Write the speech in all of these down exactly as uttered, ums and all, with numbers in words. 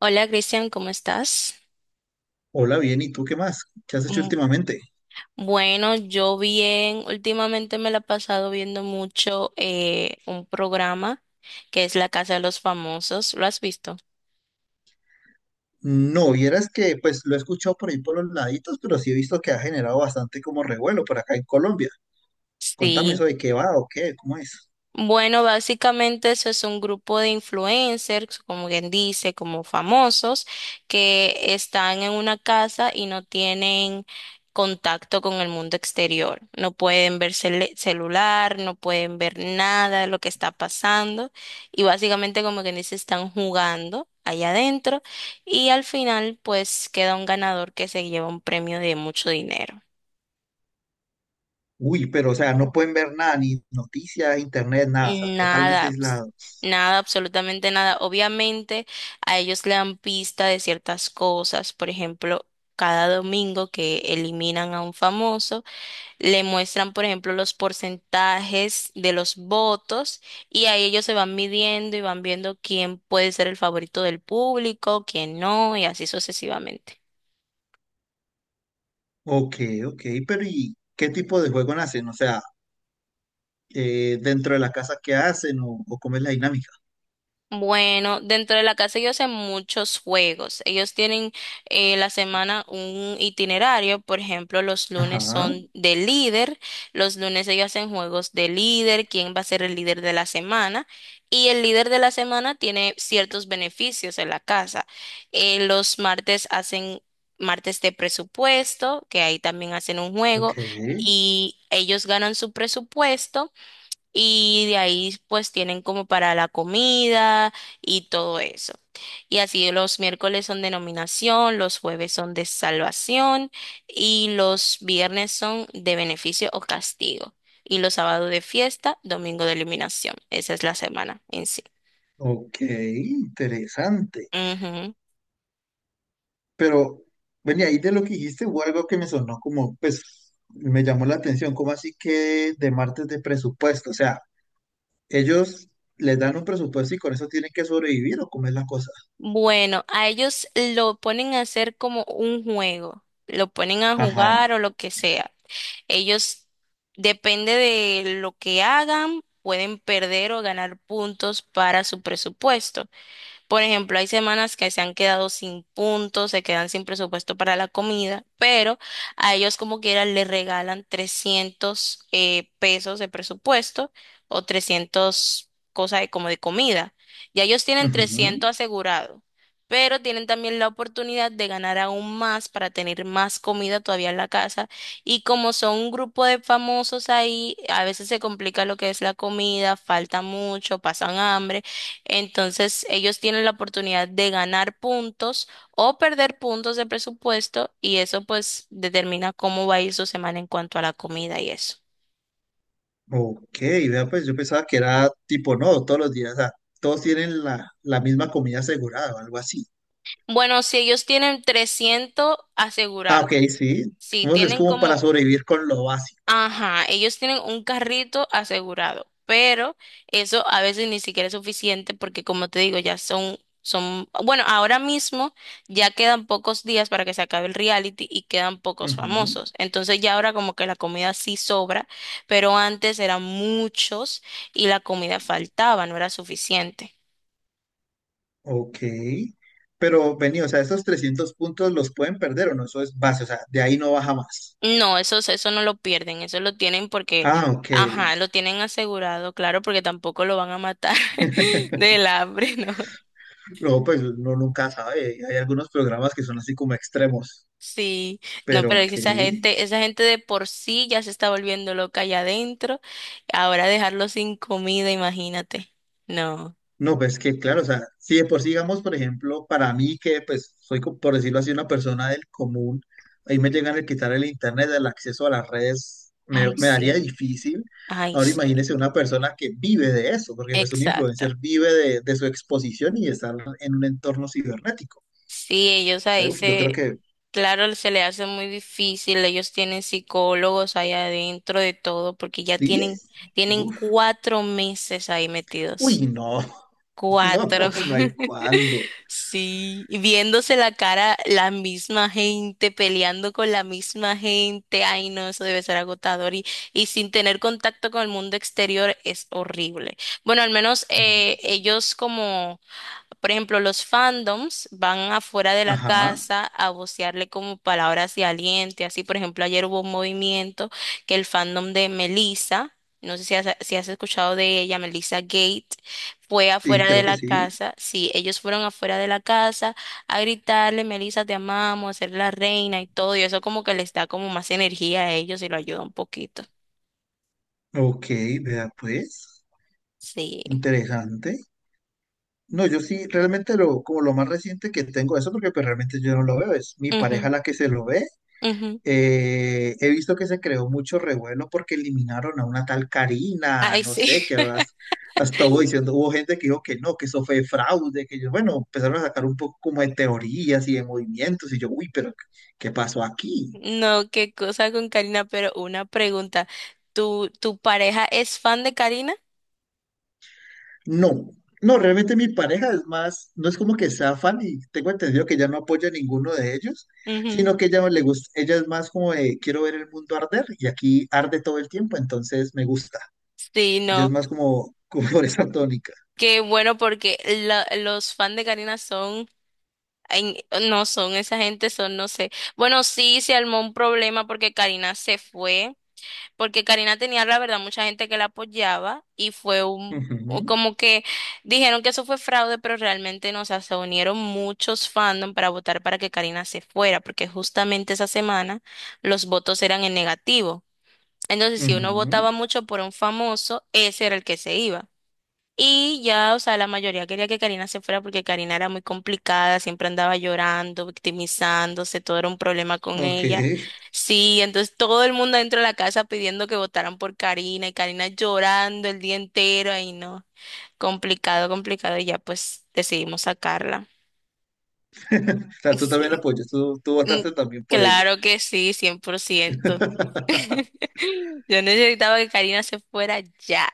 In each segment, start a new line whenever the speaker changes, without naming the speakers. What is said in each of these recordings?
Hola Cristian, ¿cómo estás?
Hola, bien, ¿y tú qué más? ¿Qué has hecho
Mm,
últimamente?
bueno, yo bien, últimamente me la he pasado viendo mucho eh, un programa que es La Casa de los Famosos, ¿lo has visto?
No, vieras que pues lo he escuchado por ahí por los laditos, pero sí he visto que ha generado bastante como revuelo por acá en Colombia. Contame
Sí.
eso de qué va o qué, cómo es.
Bueno, básicamente eso es un grupo de influencers, como quien dice, como famosos, que están en una casa y no tienen contacto con el mundo exterior. No pueden ver cele- celular, no pueden ver nada de lo que está pasando y básicamente, como quien dice, están jugando allá adentro y al final, pues queda un ganador que se lleva un premio de mucho dinero.
Uy, pero o sea, no pueden ver nada, ni noticias, internet, nada, o sea,
Nada,
totalmente
abs-
aislados.
nada, absolutamente nada. Obviamente a ellos le dan pista de ciertas cosas, por ejemplo, cada domingo que eliminan a un famoso, le muestran, por ejemplo, los porcentajes de los votos y ahí ellos se van midiendo y van viendo quién puede ser el favorito del público, quién no, y así sucesivamente.
Ok, ok, pero ¿y qué tipo de juego hacen? O sea, eh, dentro de la casa, ¿qué hacen o, o cómo es la dinámica?
Bueno, dentro de la casa ellos hacen muchos juegos. Ellos tienen eh, la semana un itinerario. Por ejemplo, los lunes
Ajá,
son de líder. Los lunes ellos hacen juegos de líder, quién va a ser el líder de la semana. Y el líder de la semana tiene ciertos beneficios en la casa. Eh, los martes hacen martes de presupuesto, que ahí también hacen un
ok,
juego. Y ellos ganan su presupuesto y de ahí pues tienen como para la comida y todo eso. Y así los miércoles son de nominación, los jueves son de salvación y los viernes son de beneficio o castigo. Y los sábados de fiesta, domingo de eliminación. Esa es la semana en sí.
ok, interesante.
Ujú.
Pero, bueno, y ahí de lo que dijiste hubo algo que me sonó como, pues, me llamó la atención, como así que de ¿martes de presupuesto? O sea, ellos les dan un presupuesto y con eso tienen que sobrevivir o cómo es la cosa.
Bueno, a ellos lo ponen a hacer como un juego, lo ponen a
Ajá.
jugar o lo que sea. Ellos, depende de lo que hagan, pueden perder o ganar puntos para su presupuesto. Por ejemplo, hay semanas que se han quedado sin puntos, se quedan sin presupuesto para la comida, pero a ellos como quieran les regalan trescientos eh, pesos de presupuesto o trescientos cosas de, como de comida. Ya ellos tienen trescientos
Ujú.
asegurado, pero tienen también la oportunidad de ganar aún más para tener más comida todavía en la casa. Y como son un grupo de famosos ahí, a veces se complica lo que es la comida, falta mucho, pasan hambre. Entonces, ellos tienen la oportunidad de ganar puntos o perder puntos de presupuesto y eso pues determina cómo va a ir su semana en cuanto a la comida y eso.
Ok, vea, pues yo pensaba que era tipo, no, todos los días, o sea, todos tienen la, la misma comida asegurada o algo así.
Bueno, si ellos tienen trescientos
Ah,
asegurado,
ok, sí.
si
Digamos que es
tienen
como para
como...
sobrevivir con lo básico.
Ajá, ellos tienen un carrito asegurado, pero eso a veces ni siquiera es suficiente porque como te digo, ya son, son, bueno, ahora mismo ya quedan pocos días para que se acabe el reality y quedan pocos
Ujú.
famosos. Entonces ya ahora como que la comida sí sobra, pero antes eran muchos y la comida faltaba, no era suficiente.
Ok, pero vení, o sea, esos trescientos puntos los pueden perder o no, eso es base, o sea, de ahí no baja más.
No, eso, eso no lo pierden, eso lo tienen porque,
Ah, ok.
ajá, lo tienen asegurado, claro, porque tampoco lo van a matar del hambre, ¿no?
No, pues uno nunca sabe, hay algunos programas que son así como extremos,
Sí, no,
pero
pero es
ok.
que esa gente, esa gente de por sí ya se está volviendo loca allá adentro. Ahora dejarlo sin comida, imagínate. No.
No, pues que claro, o sea, si de por sí, digamos, por ejemplo, para mí que pues soy, co- por decirlo así, una persona del común, ahí me llegan a quitar el internet, el acceso a las redes, me,
Ay,
me daría
sí.
difícil.
Ay,
Ahora
sí.
imagínese una persona que vive de eso, porque pues un
Exacto.
influencer vive de, de su exposición y de estar en un entorno cibernético.
Sí, ellos
¿Sabe?
ahí
Uf, yo creo
se...
que
Claro, se le hace muy difícil. Ellos tienen psicólogos allá adentro de todo, porque ya
sí.
tienen, tienen
Uf,
cuatro meses ahí metidos.
uy, no,
Cuatro.
no, no hay cuándo.
Sí, y viéndose la cara, la misma gente, peleando con la misma gente, ay no, eso debe ser agotador y, y sin tener contacto con el mundo exterior es horrible. Bueno, al menos eh, ellos como por ejemplo, los fandoms van afuera de la
Ajá,
casa a vocearle como palabras de aliento. Así, por ejemplo, ayer hubo un movimiento que el fandom de Melissa, no sé si has, si has escuchado de ella, Melissa Gate, fue
sí,
afuera de
creo que
la
sí.
casa. Sí, ellos fueron afuera de la casa a gritarle, Melissa, te amamos, a ser la reina y todo. Y eso como que les da como más energía a ellos y lo ayuda un poquito.
Ok, vea pues,
Sí.
interesante. No, yo sí, realmente lo, como lo más reciente que tengo eso, porque pues realmente yo no lo veo, es mi
Ujú,
pareja la que se lo ve.
ujú.
Eh, he visto que se creó mucho revuelo porque eliminaron a una tal Karina,
Ay,
no sé,
sí.
que vas, hasta hubo diciendo, hubo gente que dijo que no, que eso fue fraude, que yo, bueno, empezaron a sacar un poco como de teorías y de movimientos, y yo, uy, pero ¿qué pasó aquí?
No, qué cosa con Karina, pero una pregunta. ¿Tu, tu pareja es fan de Karina?
No, no, realmente mi pareja es más, no es como que sea fan y tengo entendido que ella no apoya a ninguno de ellos,
Ujú.
sino que ella le gusta, ella es más como de quiero ver el mundo arder y aquí arde todo el tiempo, entonces me gusta.
Sí,
Ella es
no.
más como, como por esa tónica.
Qué bueno porque la- los fans de Karina son, en- no son esa gente, son, no sé. Bueno, sí, se armó un problema porque Karina se fue. Porque Karina tenía, la verdad, mucha gente que la apoyaba y fue un, o
Ujú,
como que dijeron que eso fue fraude, pero realmente no, o sea, se unieron muchos fandom para votar para que Karina se fuera, porque justamente esa semana los votos eran en negativo. Entonces, si uno
ujú,
votaba mucho por un famoso, ese era el que se iba. Y ya, o sea, la mayoría quería que Karina se fuera porque Karina era muy complicada, siempre andaba llorando, victimizándose, todo era un problema con
ok,
ella. Sí, entonces todo el mundo dentro de la casa pidiendo que votaran por Karina y Karina llorando el día entero y no, complicado, complicado y ya pues decidimos sacarla.
o sea, tú también la
Sí.
apoyas, tú, tú
Mm,
votaste también por ella.
claro que sí, cien por ciento. Yo necesitaba que Karina se fuera ya.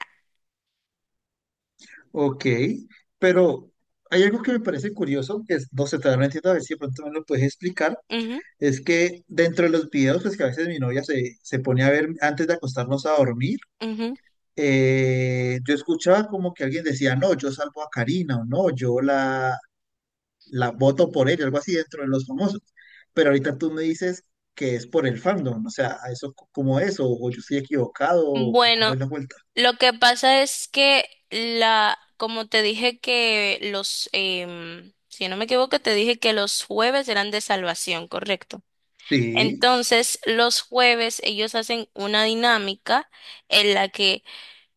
Ok, pero hay algo que me parece curioso, que es- no sé, todavía no entiendo, a ver si de pronto me lo puedes explicar.
Ujú,
Es que dentro de los videos, pues que a veces mi novia se, se pone a ver antes de acostarnos a dormir,
ujú.
eh, yo escuchaba como que alguien decía, no, yo salvo a Karina o no, yo la, la voto por ella, algo así dentro de los famosos. Pero ahorita tú me dices que es por el fandom, o sea, eso c- cómo es, o, o yo estoy equivocado, o, o cómo
Bueno.
es la vuelta.
Lo que pasa es que la, como te dije que los, em, si no me equivoco, te dije que los jueves eran de salvación, ¿correcto?
Sí,
Entonces, los jueves ellos hacen una dinámica en la que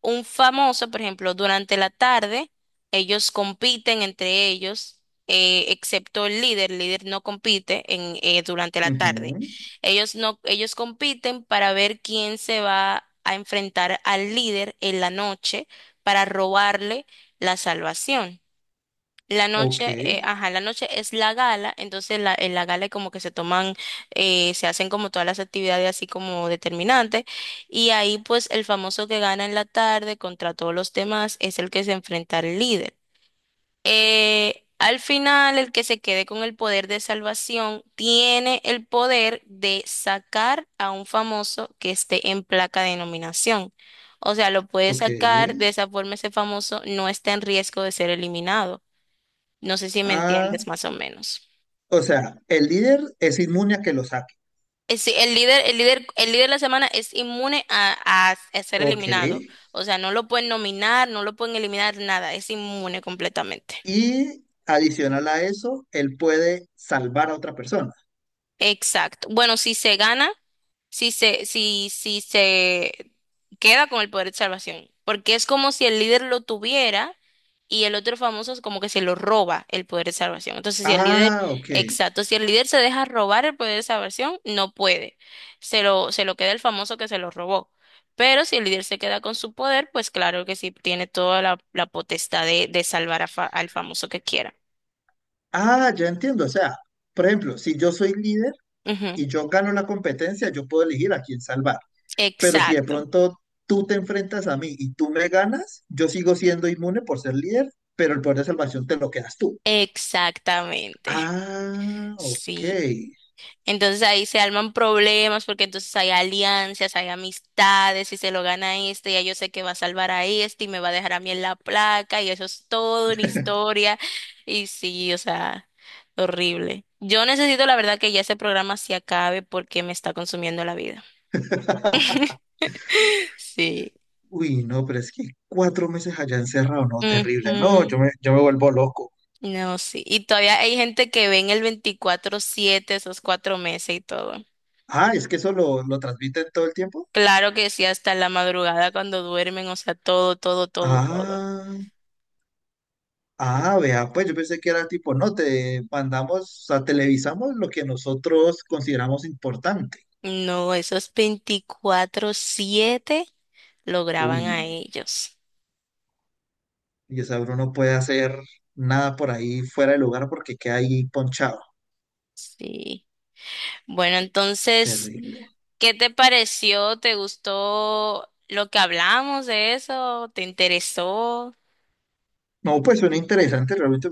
un famoso, por ejemplo, durante la tarde, ellos compiten entre ellos, eh, excepto el líder, el líder no compite en, eh, durante la tarde.
ujú,
Ellos no, ellos compiten para ver quién se va a enfrentar al líder en la noche para robarle la salvación. La
ok,
noche, eh, ajá, la noche es la gala, entonces la, en la gala es como que se toman, eh, se hacen como todas las actividades así como determinantes, y ahí pues el famoso que gana en la tarde contra todos los demás es el que se enfrenta al líder. Eh, al final, el que se quede con el poder de salvación tiene el poder de sacar a un famoso que esté en placa de nominación. O sea, lo puede
ok.
sacar, de esa forma ese famoso no está en riesgo de ser eliminado. No sé si me
Ah,
entiendes más o menos.
o sea, el líder es inmune a que lo saque.
Eh, sí, el líder, el líder, el líder de la semana es inmune a, a- a ser
Ok.
eliminado. O sea, no lo pueden nominar, no lo pueden eliminar, nada. Es inmune completamente.
Y adicional a eso, él puede salvar a otra persona.
Exacto. Bueno, si se gana, si se, si, si se queda con el poder de salvación, porque es como si el líder lo tuviera y el otro famoso es como que se lo roba el poder de salvación. Entonces, si el líder,
Ah, ok.
exacto, si el líder se deja robar el poder de salvación, no puede. Se lo, se lo queda el famoso que se lo robó. Pero si el líder se queda con su poder, pues claro que sí tiene toda la, la potestad de, de salvar a fa- al famoso que quiera.
Ah, ya entiendo. O sea, por ejemplo, si yo soy líder
Ujú.
y yo gano la competencia, yo puedo elegir a quién salvar. Pero si de
Exacto.
pronto tú te enfrentas a mí y tú me ganas, yo sigo siendo inmune por ser líder, pero el poder de salvación te lo quedas tú.
Exactamente.
Ah, ok.
Sí, entonces ahí se alman problemas porque entonces hay alianzas, hay amistades, y se lo gana este, ya yo sé que va a salvar a este y me va a dejar a mí en la placa y eso es todo una historia y sí, o sea, horrible. Yo necesito la verdad que ya ese programa se acabe porque me está consumiendo la vida. Sí.
Uy, no, pero es que cuatro meses allá encerrado, no, terrible. No,
Ujú.
yo me, yo me vuelvo loco.
No, sí. Y todavía hay gente que ve en el veinticuatro siete esos cuatro meses y todo.
Ah, es que eso lo, lo transmiten todo el tiempo.
Claro que sí, hasta la madrugada cuando duermen, o sea, todo, todo, todo, todo.
Ah, ah, vea, pues yo pensé que era tipo, no, te mandamos, o sea, televisamos lo que nosotros consideramos importante.
No, esos veinticuatro siete lo
Uy,
graban a ellos.
y esa uno no puede hacer nada por ahí fuera de lugar porque queda ahí ponchado.
Sí. Bueno, entonces,
Terrible.
¿qué te pareció? ¿Te gustó lo que hablamos de eso? ¿Te interesó?
No, pues suena interesante, realmente